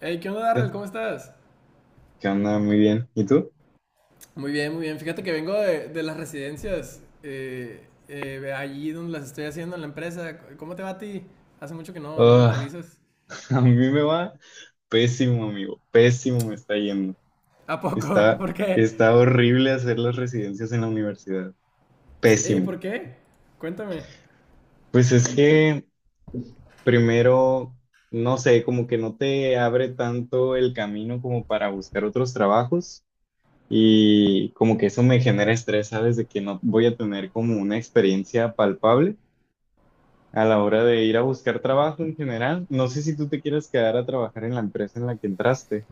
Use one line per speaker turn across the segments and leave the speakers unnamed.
Hey, ¿qué onda, Darrell?
¿Qué
¿Cómo estás?
qué onda? Muy bien. ¿Y tú?
Muy bien, muy bien. Fíjate que vengo de las residencias, allí donde las estoy haciendo en la empresa. ¿Cómo te va a ti? Hace mucho que no me
Ah,
actualizas.
a mí me va pésimo, amigo. Pésimo me está yendo.
¿A poco?
Está,
¿Por qué?
Está horrible hacer las residencias en la universidad.
Ey,
Pésimo.
¿por qué? Cuéntame.
Pues es que primero, no sé, como que no te abre tanto el camino como para buscar otros trabajos y como que eso me genera estrés, ¿sabes? De que no voy a tener como una experiencia palpable a la hora de ir a buscar trabajo en general. No sé si tú te quieres quedar a trabajar en la empresa en la que entraste.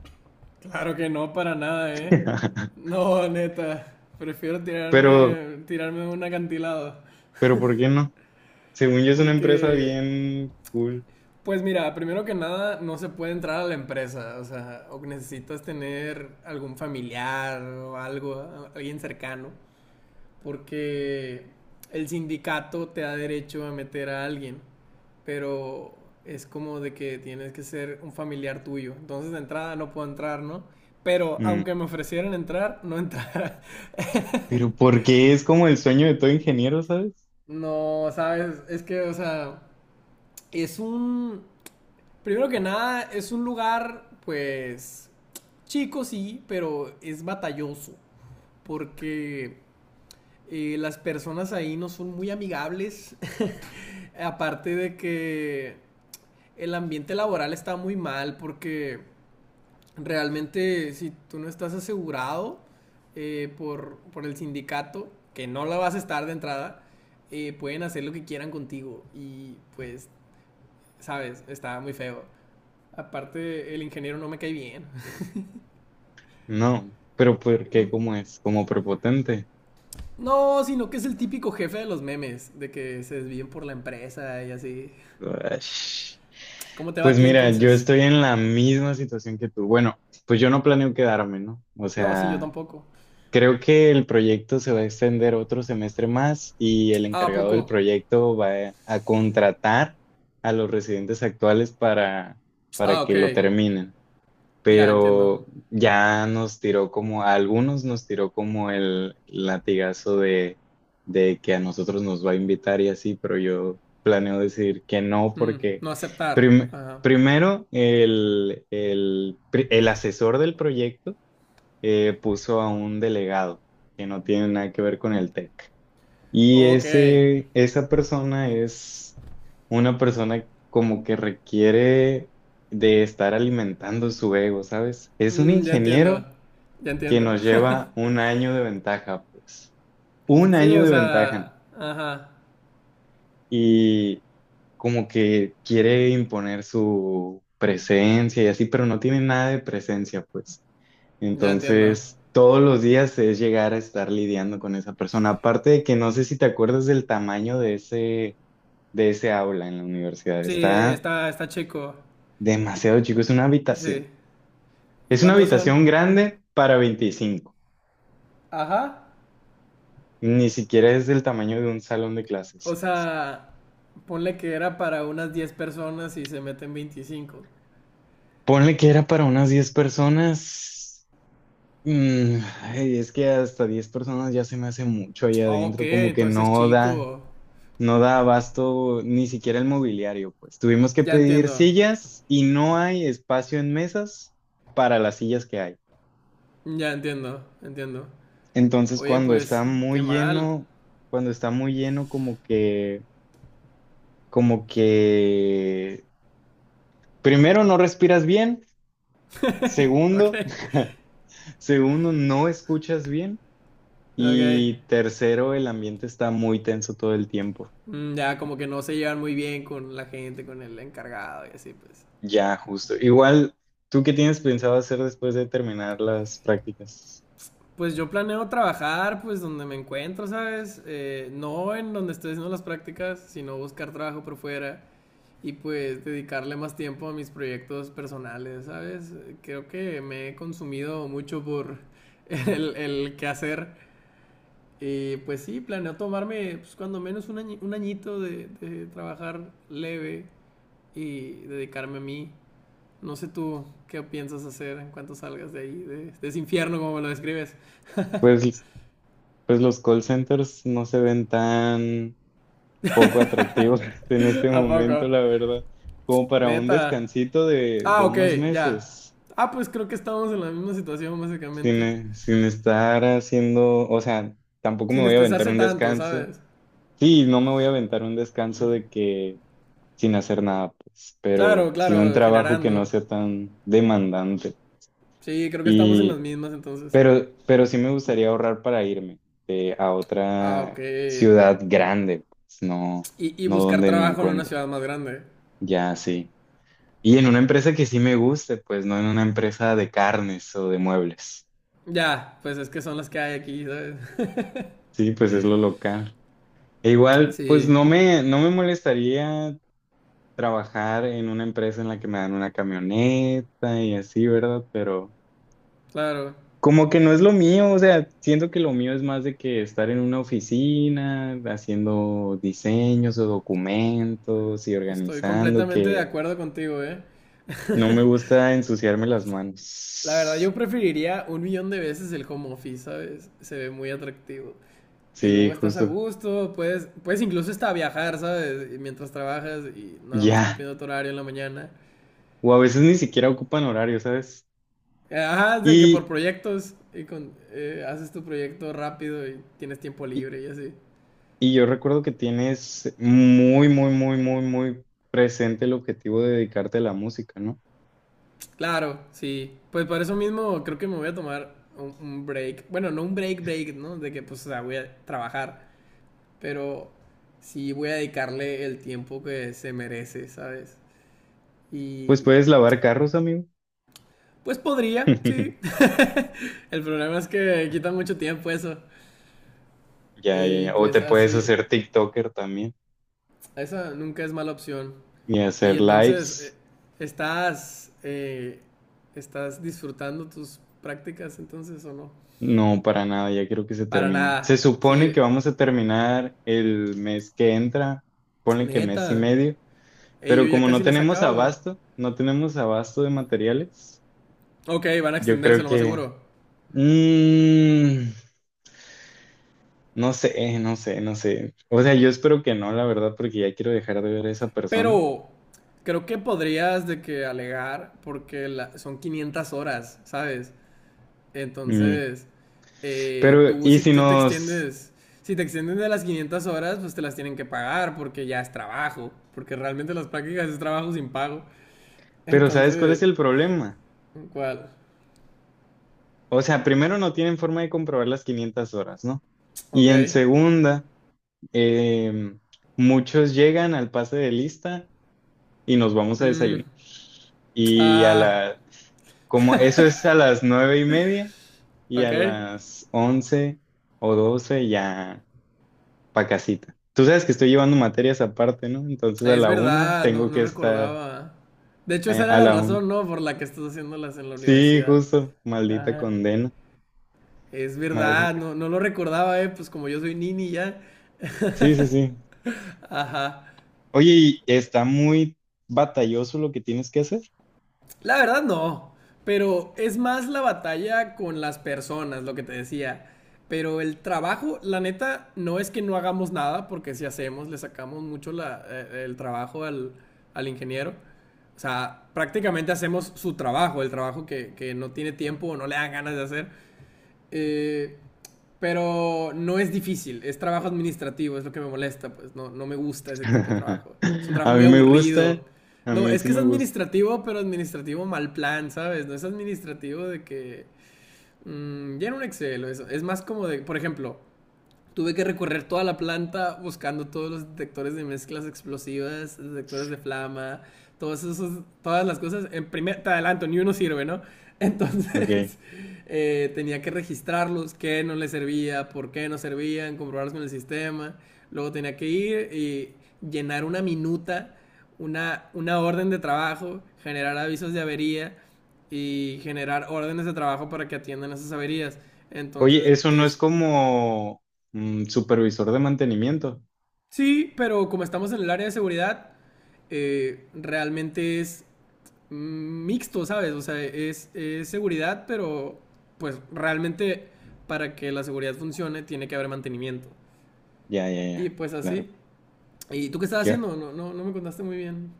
Claro que no, para nada, ¿eh? No, neta. Prefiero
pero,
tirarme de un acantilado.
pero ¿por qué no? Según yo es una empresa
Porque
bien cool.
Pues mira, primero que nada, no se puede entrar a la empresa, o sea, o necesitas tener algún familiar o algo, alguien cercano, porque el sindicato te da derecho a meter a alguien, pero es como de que tienes que ser un familiar tuyo. Entonces de entrada no puedo entrar, ¿no? Pero
Mm.
aunque me ofrecieran entrar, no entrara.
Pero porque es como el sueño de todo ingeniero, ¿sabes?
No, sabes, es que, o sea, es un primero que nada, es un lugar, pues, chico sí, pero es batalloso, porque las personas ahí no son muy amigables, aparte de que el ambiente laboral está muy mal, porque realmente si tú no estás asegurado, por el sindicato, que no la vas a estar de entrada, pueden hacer lo que quieran contigo y pues, sabes, está muy feo. Aparte, el ingeniero no me cae bien.
No, pero ¿por qué? ¿Cómo es? Como prepotente.
No, sino que es el típico jefe de los memes, de que se desvíen por la empresa y así.
Uash.
¿Cómo te va a
Pues
ti
mira, yo
entonces?
estoy en la misma situación que tú. Bueno, pues yo no planeo quedarme, ¿no? O
No, sí, yo
sea,
tampoco.
creo que el proyecto se va a extender otro semestre más y el
Ah, ¿a
encargado del
poco?
proyecto va a contratar a los residentes actuales
Ah,
para que lo
ok.
terminen.
Ya entiendo.
Pero ya nos tiró como, a algunos nos tiró como el latigazo de que a nosotros nos va a invitar y así, pero yo planeo decir que no
Mm,
porque
no aceptar.
prim-
Ajá.
primero el asesor del proyecto puso a un delegado que no tiene nada que ver con el TEC. Y
Ok.
ese, esa persona es una persona como que requiere de estar alimentando su ego, ¿sabes? Es un
Mm, ya entiendo.
ingeniero
Ya
que
entiendo.
nos lleva 1 año de ventaja, pues. Un
Sí,
año
o
de ventaja,
sea,
¿no?
ajá.
Y como que quiere imponer su presencia y así, pero no tiene nada de presencia, pues.
Ya entiendo.
Entonces, todos los días es llegar a estar lidiando con esa persona. Aparte de que no sé si te acuerdas del tamaño de de ese aula en la universidad.
Sí,
Está
está, está chico.
demasiado chico, es una
Sí.
habitación.
¿Y
Es una
cuántos son?
habitación grande para 25.
Ajá.
Ni siquiera es del tamaño de un salón de
O
clases.
sea, ponle que era para unas 10 personas y se meten 25.
Ponle que era para unas 10 personas. Mm, ay, es que hasta 10 personas ya se me hace mucho ahí
Ah, ok,
adentro, como que
entonces es
no da.
chico.
No da abasto ni siquiera el mobiliario, pues. Tuvimos que
Ya
pedir
entiendo.
sillas y no hay espacio en mesas para las sillas que hay.
Ya entiendo, entiendo.
Entonces,
Oye, pues, qué mal.
cuando está muy lleno, como que, primero no respiras bien,
Ok,
segundo, segundo no escuchas bien
ok.
y tercero, el ambiente está muy tenso todo el tiempo.
Mm, ya como que no se llevan muy bien con la gente, con el encargado y así, pues.
Ya, justo. Igual, ¿tú qué tienes pensado hacer después de terminar las prácticas?
Pues yo planeo trabajar, pues, donde me encuentro, ¿sabes? No en donde estoy haciendo las prácticas, sino buscar trabajo por fuera y pues dedicarle más tiempo a mis proyectos personales, ¿sabes? Creo que me he consumido mucho por el quehacer. Y pues sí, planeo tomarme pues, cuando menos un, un añito de trabajar leve y dedicarme a mí. No sé tú qué piensas hacer en cuanto salgas de ahí, de ese infierno como me lo describes.
Pues pues los call centers no se ven tan poco atractivos en este
¿A poco?
momento, la verdad, como para un
Neta.
descansito
Ah,
de
ok,
unos
ya.
meses,
Ah, pues creo que estamos en la misma situación básicamente.
sin estar haciendo, o sea, tampoco me
Sin
voy a aventar
estresarse
un
tanto,
descanso.
¿sabes?
Sí, no me voy a aventar un descanso de que sin hacer nada, pues,
Claro,
pero sí un
claro,
trabajo que
generando.
no sea tan demandante.
Sí, creo que estamos en las
y
mismas entonces.
pero sí me gustaría ahorrar para irme a
Ah, ok.
otra ciudad grande, pues no,
Y
no
buscar
donde me
trabajo en una
encuentro.
ciudad más grande.
Ya, sí. Y en una empresa que sí me guste, pues no en una empresa de carnes o de muebles.
Ya, pues es que son las que hay aquí, ¿sabes?
Sí, pues es lo local. E igual, pues
Sí,
no me molestaría trabajar en una empresa en la que me dan una camioneta y así, ¿verdad? Pero
claro.
como que no es lo mío, o sea, siento que lo mío es más de que estar en una oficina haciendo diseños o documentos y
Estoy
organizando,
completamente de
que
acuerdo contigo, ¿eh?
no me gusta ensuciarme las
La verdad,
manos.
yo preferiría un millón de veces el home office, ¿sabes? Se ve muy atractivo. Y luego
Sí,
estás a
justo.
gusto, puedes incluso hasta viajar, ¿sabes? Y mientras trabajas y nada más
Ya.
cumpliendo tu horario en la mañana.
O a veces ni siquiera ocupan horario, ¿sabes?
Ajá, o sea que por
Y,
proyectos y con, haces tu proyecto rápido y tienes tiempo
y,
libre y así.
y yo recuerdo que tienes muy, muy, muy, muy, muy presente el objetivo de dedicarte a la música, ¿no?
Claro, sí. Pues por eso mismo creo que me voy a tomar un break. Bueno, no un break, break, ¿no? De que pues, o sea, voy a trabajar. Pero sí voy a dedicarle el tiempo que se merece, ¿sabes?
Pues
Y
puedes lavar carros, amigo.
pues podría, sí. El problema es que quita mucho tiempo eso.
Ya, ya,
Y
ya. O
pues
te puedes
así,
hacer TikToker
esa nunca es mala opción.
y
Y
hacer
entonces,
lives.
¿estás, eh, ¿estás disfrutando tus prácticas entonces o no?
No, para nada, ya quiero que se
Para
termine. Se
nada.
supone que
Sí,
vamos a terminar el mes que entra, ponle que mes y
neta.
medio,
Ey, yo
pero
ya
como no
casi la
tenemos
sacaba.
abasto, no tenemos abasto de materiales,
Ok, van a
yo
extenderse
creo
lo más
que...
seguro.
mm, no sé, no sé, no sé. O sea, yo espero que no, la verdad, porque ya quiero dejar de ver a esa persona.
Pero creo que podrías de que alegar porque son 500 horas, ¿sabes?
Mm,
Entonces,
pero,
tú
¿y
si
si
tú te
nos...
extiendes, si te extienden de las 500 horas, pues te las tienen que pagar porque ya es trabajo, porque realmente las prácticas es trabajo sin pago.
Pero, ¿sabes cuál
Entonces,
es el problema?
¿cuál?
O sea, primero no tienen forma de comprobar las 500 horas, ¿no? Y
Ok.
en segunda, em, muchos llegan al pase de lista y nos vamos a
Mm,
desayunar. Y a
ah,
la, como eso es a las 9:30 y
ok.
a las 11 o 12 ya pa' casita. Tú sabes que estoy llevando materias aparte, ¿no? Entonces a
Es
la 1
verdad, no,
tengo
no
que estar
recordaba. De hecho, esa era
a
la
la 1.
razón, ¿no? Por la que estás haciéndolas en la
Sí,
universidad.
justo, maldita
Ajá.
condena,
Es verdad,
maldita.
no, no lo recordaba, ¿eh? Pues como yo soy nini ya.
Sí, sí, sí.
Ajá.
Oye, y está muy batalloso lo que tienes que hacer.
La verdad no, pero es más la batalla con las personas, lo que te decía. Pero el trabajo, la neta, no es que no hagamos nada, porque si hacemos, le sacamos mucho el trabajo al ingeniero. O sea, prácticamente hacemos su trabajo, el trabajo que no tiene tiempo o no le dan ganas de hacer. Eh, pero no es difícil, es trabajo administrativo, es lo que me molesta, pues no, no me gusta ese tipo de trabajo. Es un trabajo
A
muy
mí me
aburrido.
gusta, a
No,
mí
es
sí
que es
me gusta.
administrativo, pero administrativo mal plan, ¿sabes? No es administrativo de que llena un Excel o eso. Es más como de, por ejemplo, tuve que recorrer toda la planta buscando todos los detectores de mezclas explosivas, detectores de flama, todos esos, todas las cosas. En primer, te adelanto, ni uno sirve, ¿no?
Ok.
Entonces tenía que registrarlos, qué no les servía, por qué no servían, comprobarlos con el sistema. Luego tenía que ir y llenar una minuta, una orden de trabajo, generar avisos de avería y generar órdenes de trabajo para que atiendan esas averías.
Oye,
Entonces
eso no es
es...
como mm, supervisor de mantenimiento.
Sí, pero como estamos en el área de seguridad, realmente es mm, mixto, ¿sabes? O sea, es seguridad, pero pues realmente para que la seguridad funcione tiene que haber mantenimiento.
Ya, ya,
Y
ya,
pues
claro.
así. ¿Y tú qué estás
Ya.
haciendo? No me contaste muy bien.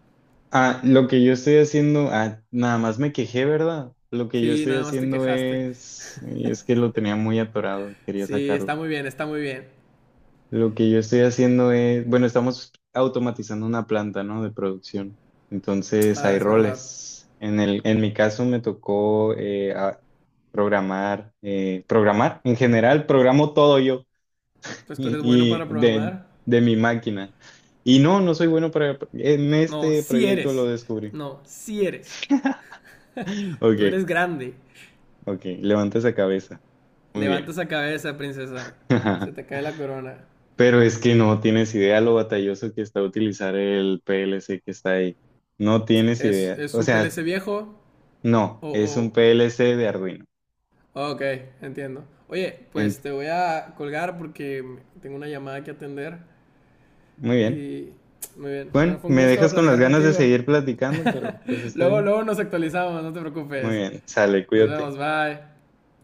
Ah, lo que yo estoy haciendo, ah, nada más me quejé, ¿verdad? Lo que yo
Sí,
estoy
nada más te
haciendo
quejaste.
es, y es que lo tenía muy atorado, quería
Sí,
sacarlo.
está muy bien, está muy bien.
Lo que yo estoy haciendo es, bueno, estamos automatizando una planta, ¿no? De producción. Entonces
Ah,
hay
es verdad.
roles. En mi caso me tocó programar, programar. En general, programo todo yo
Pues tú
y,
eres bueno para
y de,
programar.
de mi máquina. Y no, no soy bueno para... En
No,
este
sí
proyecto lo
eres.
descubrí.
No, sí eres.
Ok,
Tú eres grande.
ok, levanta esa cabeza. Muy
Levanta
bien.
esa cabeza, princesa. Se te cae la corona.
Pero es que no tienes idea lo batalloso que está utilizar el PLC que está ahí. No tienes idea.
Es
O
un
sea,
PLC
es-
viejo?
no, es
O,
un PLC de Arduino.
oh, ok, entiendo. Oye, pues
Ent-
te voy a colgar porque tengo una llamada que atender.
Muy bien.
Y muy bien. Bueno,
Bueno,
fue un
me
gusto
dejas con las
platicar
ganas de
contigo.
seguir platicando, pero pues está
Luego,
bien.
luego nos actualizamos, no te
Muy
preocupes.
bien, sale,
Nos
cuídate.
vemos, bye.